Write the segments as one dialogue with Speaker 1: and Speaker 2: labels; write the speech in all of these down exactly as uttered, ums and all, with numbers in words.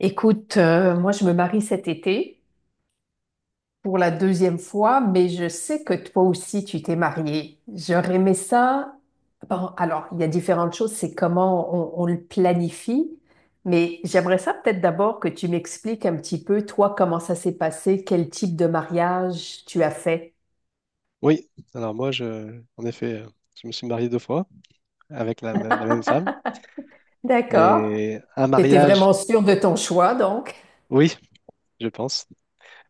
Speaker 1: Écoute, euh, moi je me marie cet été pour la deuxième fois, mais je sais que toi aussi tu t'es mariée. J'aurais aimé ça. Bon, alors, il y a différentes choses, c'est comment on, on le planifie, mais j'aimerais ça peut-être d'abord que tu m'expliques un petit peu, toi, comment ça s'est passé, quel type de mariage tu as fait.
Speaker 2: Oui, alors moi, je, en effet, euh, je me suis marié deux fois avec la, m- la même femme.
Speaker 1: D'accord.
Speaker 2: Et un
Speaker 1: T'étais
Speaker 2: mariage,
Speaker 1: vraiment sûre de ton choix, donc.
Speaker 2: oui, je pense,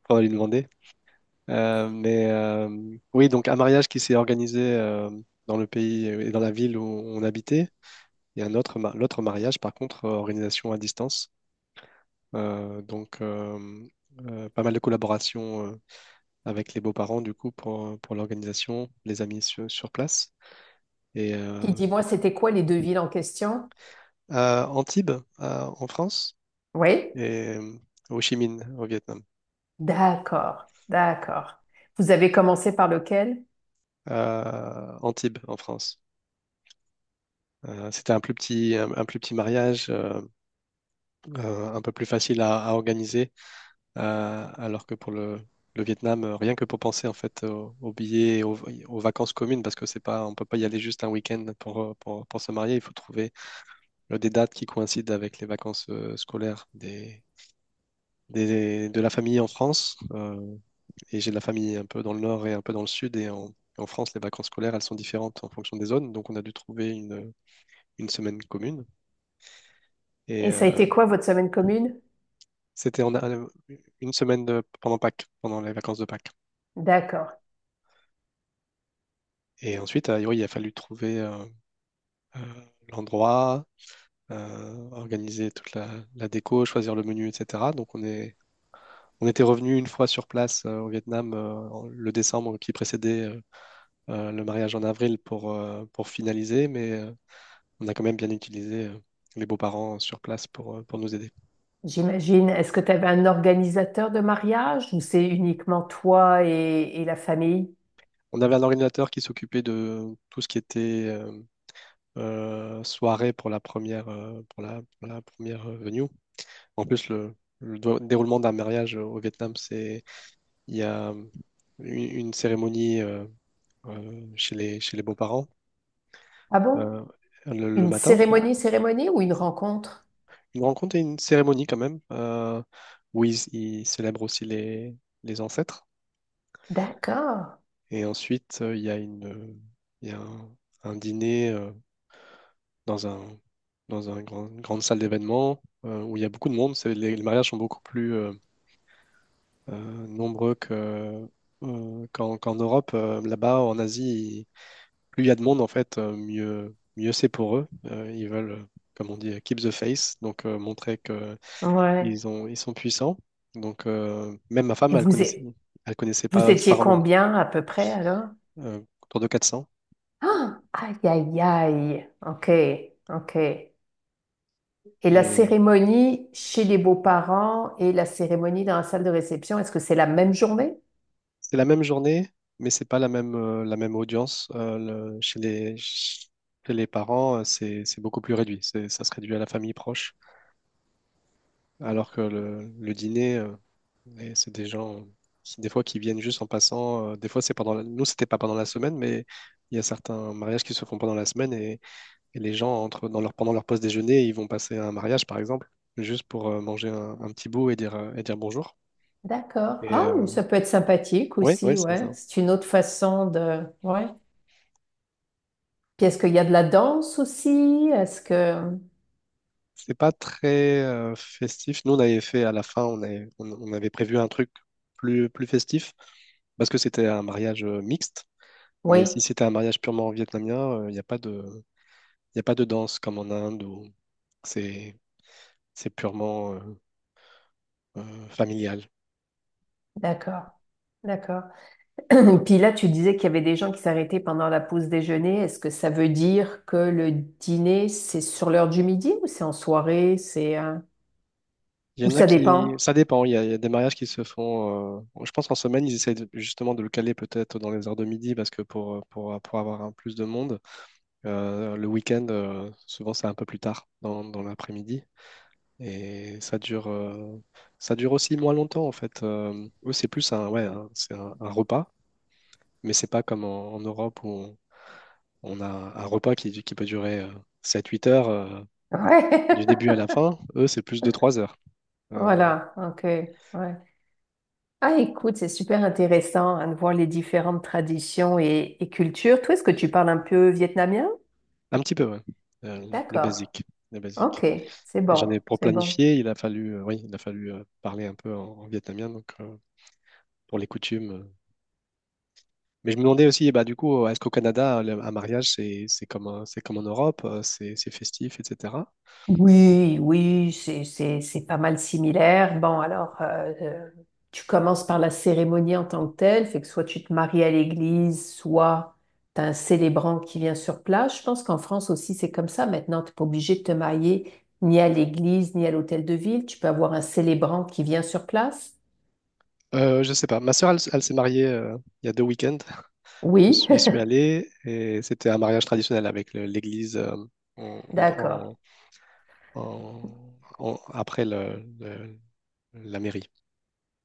Speaker 2: on va lui demander. Euh, mais euh, oui, donc un mariage qui s'est organisé euh, dans le pays et dans la ville où on habitait. Et un autre, ma- l'autre mariage, par contre, euh, organisation à distance. Euh, donc, euh, euh, pas mal de collaboration euh, avec les beaux-parents, du coup, pour, pour l'organisation, les amis sur, sur place. Et euh,
Speaker 1: Puis dis-moi, c'était quoi les deux villes en question?
Speaker 2: à Antibes, à- en France.
Speaker 1: Oui?
Speaker 2: Et euh, Ho Chi Minh au Vietnam,
Speaker 1: D'accord, d'accord. Vous avez commencé par lequel?
Speaker 2: à Antibes en France. Euh, c'était un plus petit, un, un plus petit mariage, euh, euh, un peu plus facile à, à organiser, euh, alors que pour le, le Vietnam, euh, rien que pour penser en fait aux, aux billets, et aux, aux vacances communes, parce que c'est pas, on peut pas y aller juste un week-end pour, euh, pour, pour se marier. Il faut trouver euh, des dates qui coïncident avec les vacances euh, scolaires des, des- de la famille en France. Euh, et j'ai de la famille un peu dans le nord et un peu dans le sud. Et en, en France, les vacances scolaires, elles sont différentes en fonction des zones. Donc, on a dû trouver une, une semaine commune. Et
Speaker 1: Et ça a
Speaker 2: euh,
Speaker 1: été quoi votre semaine commune?
Speaker 2: c'était en- euh, une semaine de- pendant Pâques, pendant les vacances de Pâques.
Speaker 1: D'accord.
Speaker 2: Et ensuite, euh, oui, il a fallu trouver euh, euh, l'endroit, euh, organiser toute la, la déco, choisir le menu, et cætera. Donc, on est, on était revenu une fois sur place euh, au Vietnam euh, en- le décembre qui précédait euh, euh, le mariage en avril pour, euh, pour finaliser. Mais euh, on a quand même bien utilisé euh, les beaux-parents sur place pour, euh, pour nous aider.
Speaker 1: J'imagine, est-ce que tu avais un organisateur de mariage ou c'est uniquement toi et, et la famille?
Speaker 2: On avait un ordinateur qui s'occupait de tout ce qui était euh, euh, soirée pour la première, euh, pour la, pour la première euh, venue. En plus, le, le do- déroulement d'un mariage au Vietnam, c'est il y a euh, une, une cérémonie euh, euh, chez les, chez les beaux-parents
Speaker 1: Ah bon?
Speaker 2: euh, le, le
Speaker 1: Une
Speaker 2: matin,
Speaker 1: cérémonie, cérémonie ou une rencontre?
Speaker 2: une rencontre et une cérémonie quand même, euh, où ils, ils célèbrent aussi les, les ancêtres.
Speaker 1: D'accord.
Speaker 2: Et ensuite, euh, il y a une, euh, il y a un, un dîner euh, dans un, dans un grand- une grande salle d'événements euh, où il y a beaucoup de monde. C'est- Les, les mariages sont beaucoup plus euh, euh, nombreux que, euh, qu'en, qu'en Europe. Euh, là-bas, en Asie, plus il y a de monde, en fait, euh, mieux, mieux c'est pour eux. Euh, ils veulent, euh, comme on dit, euh, keep the face, donc euh, montrer que
Speaker 1: Ouais.
Speaker 2: ils ont, ils sont puissants. Donc, euh, même ma femme,
Speaker 1: Et
Speaker 2: elle
Speaker 1: vous,
Speaker 2: connaissait,
Speaker 1: é-
Speaker 2: elle connaissait
Speaker 1: Vous
Speaker 2: pas, c'est pas
Speaker 1: étiez
Speaker 2: vraiment
Speaker 1: combien à peu près alors?
Speaker 2: euh, autour de quatre cents.
Speaker 1: Ah, aïe, aïe, aïe. OK, OK. Et la
Speaker 2: Et
Speaker 1: cérémonie chez les beaux-parents et la cérémonie dans la salle de réception, est-ce que c'est la même journée?
Speaker 2: c'est la même journée, mais c'est pas la même, euh, la même audience. Euh, le- chez les, chez les parents, euh, c'est, c'est beaucoup plus réduit. C'est- ça se réduit à la famille proche. Alors que le, le dîner, euh, et c'est des gens qui, des fois, qui viennent juste en passant. Euh, des fois, c'est pendant la- nous, c'était pas pendant la semaine, mais il y a certains mariages qui se font pendant la semaine et, et les gens entrent dans leur, pendant leur pause déjeuner, ils vont passer à un mariage, par exemple, juste pour euh, manger un, un petit bout et dire, euh, et dire bonjour.
Speaker 1: D'accord. Ah,
Speaker 2: Et
Speaker 1: mais
Speaker 2: oui,
Speaker 1: ça peut être sympathique
Speaker 2: ouais, ouais,
Speaker 1: aussi,
Speaker 2: c'est
Speaker 1: ouais.
Speaker 2: ça.
Speaker 1: C'est une autre façon de... Ouais. Puis est-ce qu'il y a de la danse aussi? Est-ce que...
Speaker 2: C'est pas très euh, festif. Nous, on avait fait à la fin, on avait, on, on avait prévu un truc plus, plus festif parce que c'était un mariage euh, mixte. Mais si
Speaker 1: Oui,
Speaker 2: c'était un mariage purement vietnamien, euh, il n'y a pas de, y a pas de danse comme en Inde où c'est, c'est purement euh, euh, familial.
Speaker 1: d'accord. D'accord. Puis là, tu disais qu'il y avait des gens qui s'arrêtaient pendant la pause déjeuner. Est-ce que ça veut dire que le dîner, c'est sur l'heure du midi ou c'est en soirée? C'est... euh,
Speaker 2: Il y
Speaker 1: Ou
Speaker 2: en a
Speaker 1: ça
Speaker 2: qui,
Speaker 1: dépend?
Speaker 2: ça dépend. Il y a, il y a des mariages qui se font. Euh, je pense en semaine, ils essaient de- justement de le caler peut-être dans les heures de midi parce que pour, pour, pour avoir un plus de monde. Euh, le week-end, euh, souvent, c'est un peu plus tard dans, dans l'après-midi. Et ça dure, euh, ça dure aussi moins longtemps, en fait. Euh, eux, c'est plus un, ouais, un- c'est un, un repas, mais c'est pas comme en, en Europe où on, on a un repas qui, qui peut durer sept huit heures euh,
Speaker 1: Ouais.
Speaker 2: du début à la fin. Eux, c'est plus de trois heures. Euh,
Speaker 1: Voilà, ok. Ouais. Ah, écoute, c'est super intéressant hein, de voir les différentes traditions et, et cultures. Toi, est-ce que tu parles un peu vietnamien?
Speaker 2: un petit peu, ouais. Euh, le le
Speaker 1: D'accord.
Speaker 2: basique, le basique.
Speaker 1: Ok. C'est
Speaker 2: Et j'en ai
Speaker 1: bon.
Speaker 2: pour
Speaker 1: C'est bon.
Speaker 2: planifier, il a fallu, euh, oui, il a fallu euh, parler un peu en, en vietnamien, donc euh, pour les coutumes, euh, mais je me demandais aussi, bah, du coup, est-ce qu'au Canada, le- un mariage, c'est c'est comme, un- c'est comme en Europe, euh, c'est c'est festif, et cætera.
Speaker 1: Oui, oui, c'est, c'est, c'est pas mal similaire. Bon, alors, euh, euh, tu commences par la cérémonie en tant que telle, fait que soit tu te maries à l'église, soit t'as un célébrant qui vient sur place. Je pense qu'en France aussi, c'est comme ça. Maintenant, t'es pas obligé de te marier ni à l'église, ni à l'hôtel de ville. Tu peux avoir un célébrant qui vient sur place.
Speaker 2: Euh, je sais pas. Ma sœur, elle, s- elle s'est mariée euh, il y a deux week-ends. Je
Speaker 1: Oui,
Speaker 2: suis, j'y suis allé et c'était un mariage traditionnel avec le- l'église euh, en-
Speaker 1: d'accord.
Speaker 2: en- en- en- après le- le- la mairie.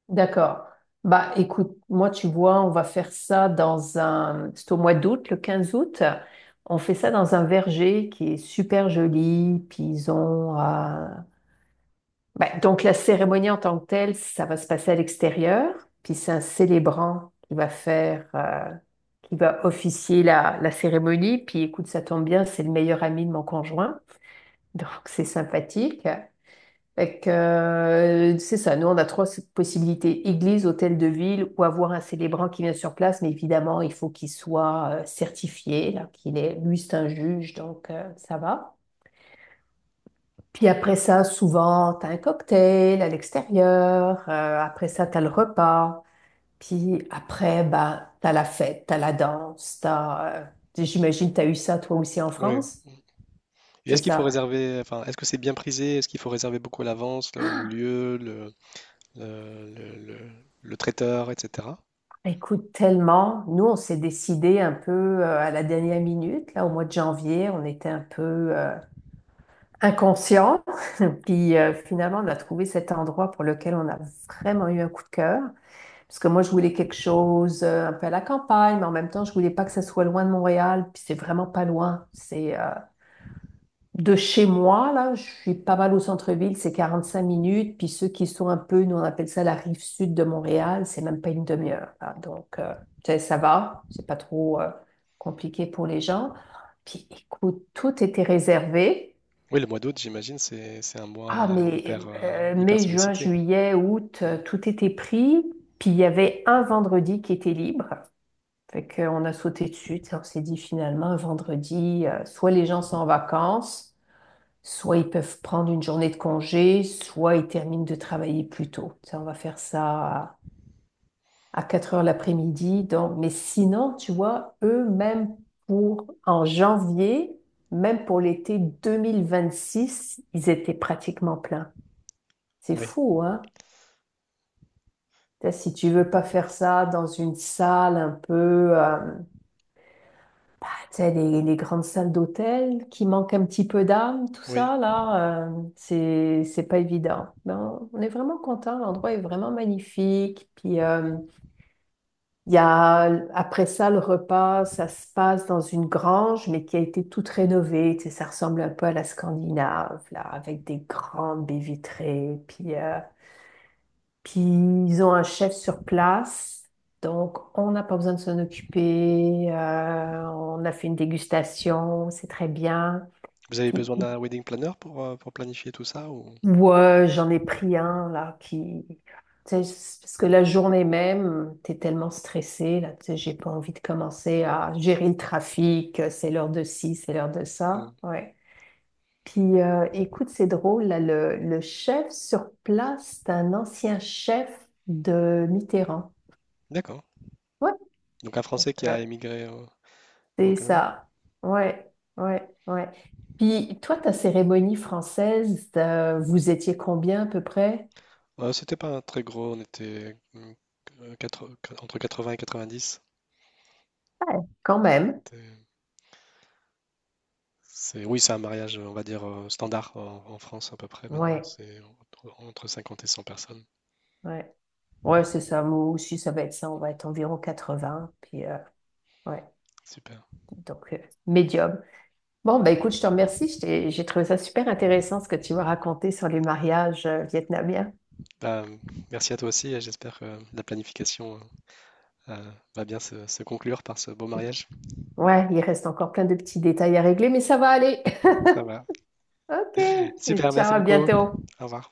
Speaker 1: D'accord. Bah, écoute, moi, tu vois, on va faire ça dans un... C'est au mois d'août, le quinze août. On fait ça dans un verger qui est super joli. Puis ils ont... euh, bah, donc, la cérémonie en tant que telle, ça va se passer à l'extérieur. Puis c'est un célébrant qui va faire... euh, qui va officier la, la cérémonie. Puis écoute, ça tombe bien, c'est le meilleur ami de mon conjoint. Donc, c'est sympathique. Fait que, euh, c'est ça, nous on a trois possibilités, église, hôtel de ville ou avoir un célébrant qui vient sur place, mais évidemment il faut qu'il soit euh, certifié, là, qu'il est, lui c'est un juge, donc euh, ça va. Puis après ça, souvent, t'as un cocktail à l'extérieur, euh, après ça, t'as le repas, puis après, bah, t'as la fête, t'as la danse, t'as, euh, j'imagine t'as eu ça toi aussi en
Speaker 2: Oui.
Speaker 1: France,
Speaker 2: Et
Speaker 1: c'est
Speaker 2: est-ce qu'il faut
Speaker 1: ça?
Speaker 2: réserver, enfin, est-ce que c'est bien prisé? Est-ce qu'il faut réserver beaucoup à l'avance le, le lieu, le, le, le- le- le traiteur, et cætera.
Speaker 1: Écoute, tellement. Nous, on s'est décidé un peu euh, à la dernière minute. Là, au mois de janvier, on était un peu euh, inconscients. Puis euh, finalement, on a trouvé cet endroit pour lequel on a vraiment eu un coup de cœur. Parce que moi, je voulais quelque chose euh, un peu à la campagne, mais en même temps, je voulais pas que ça soit loin de Montréal. Puis c'est vraiment pas loin. C'est euh, de chez moi, là, je suis pas mal au centre-ville, c'est quarante-cinq minutes. Puis ceux qui sont un peu, nous on appelle ça la rive sud de Montréal, c'est même pas une demi-heure. Là. Donc, euh, tu sais, ça va, c'est pas trop euh, compliqué pour les gens. Puis écoute, tout était réservé.
Speaker 2: Oui, le mois d'août, j'imagine, c'est c'est un mois
Speaker 1: Ah,
Speaker 2: euh,
Speaker 1: mais
Speaker 2: hyper, euh,
Speaker 1: euh,
Speaker 2: hyper
Speaker 1: mai, juin,
Speaker 2: sollicité.
Speaker 1: juillet, août,
Speaker 2: Mm.
Speaker 1: euh, tout était pris. Puis il y avait un vendredi qui était libre. Fait qu'on a sauté dessus. Tu sais, On s'est dit finalement, un vendredi, euh, soit les gens sont en vacances. Soit ils peuvent prendre une journée de congé, soit ils terminent de travailler plus tôt. Ça, on va faire ça à quatre heures l'après-midi. Donc, mais sinon, tu vois, eux, même pour en janvier, même pour l'été deux mille vingt-six, ils étaient pratiquement pleins. C'est
Speaker 2: Oui,
Speaker 1: fou, hein? Si tu veux pas faire ça dans une salle un peu, euh, c'est les, les grandes salles d'hôtel qui manquent un petit peu d'âme, tout
Speaker 2: oui.
Speaker 1: ça, là, euh, c'est, c'est pas évident. Mais on, on est vraiment content, l'endroit est vraiment magnifique. Puis, euh, il y a, après ça, le repas, ça se passe dans une grange, mais qui a été toute rénovée. Tu sais, ça ressemble un peu à la Scandinave, là, avec des grandes baies vitrées. Puis, euh, puis ils ont un chef sur place, donc on n'a pas besoin de s'en occuper. euh, on a fait une dégustation, c'est très bien.
Speaker 2: Vous avez
Speaker 1: Puis
Speaker 2: besoin d'un wedding planner pour, euh, pour planifier tout ça ou...
Speaker 1: ouais, j'en ai pris un là qui, tu sais, c'est parce que la journée même, t'es tellement stressé là, tu sais, j'ai pas envie de commencer à gérer le trafic. euh, C'est l'heure de ci, c'est l'heure de
Speaker 2: Mm.
Speaker 1: ça. Ouais. Puis euh, écoute, c'est drôle là, le, le chef sur place, c'est un ancien chef de Mitterrand.
Speaker 2: D'accord.
Speaker 1: Ouais.
Speaker 2: Donc un
Speaker 1: Donc,
Speaker 2: Français qui
Speaker 1: euh,
Speaker 2: a émigré au, au
Speaker 1: c'est
Speaker 2: Canada?
Speaker 1: ça. Ouais, ouais, ouais. Puis toi, ta cérémonie française, euh, vous étiez combien à peu près?
Speaker 2: Euh, c'était pas un très gros, on était mm, euh, quatre- quatre- entre quatre-vingts et quatre-vingt-dix.
Speaker 1: Quand même.
Speaker 2: C'était- C'est, oui, c'est un mariage, on va dire, euh, standard en, en France à peu près maintenant.
Speaker 1: Ouais,
Speaker 2: C'est entre entre cinquante et cent personnes.
Speaker 1: ouais. Ouais, c'est ça. Moi aussi, ça va être ça. On va être environ quatre-vingts. Puis, euh, ouais,
Speaker 2: Super.
Speaker 1: donc, euh, médium. Bon, ben écoute, je te remercie. Je t'ai- J'ai trouvé ça super intéressant ce que tu m'as raconté sur les mariages euh, vietnamiens.
Speaker 2: Bah, merci à toi aussi et j'espère que la planification euh, va bien se, se conclure par ce beau mariage.
Speaker 1: Ouais, il reste encore plein de petits détails à régler, mais ça va aller.
Speaker 2: Ça va.
Speaker 1: OK. Et
Speaker 2: Super,
Speaker 1: ciao,
Speaker 2: merci
Speaker 1: à
Speaker 2: beaucoup. Au
Speaker 1: bientôt.
Speaker 2: revoir.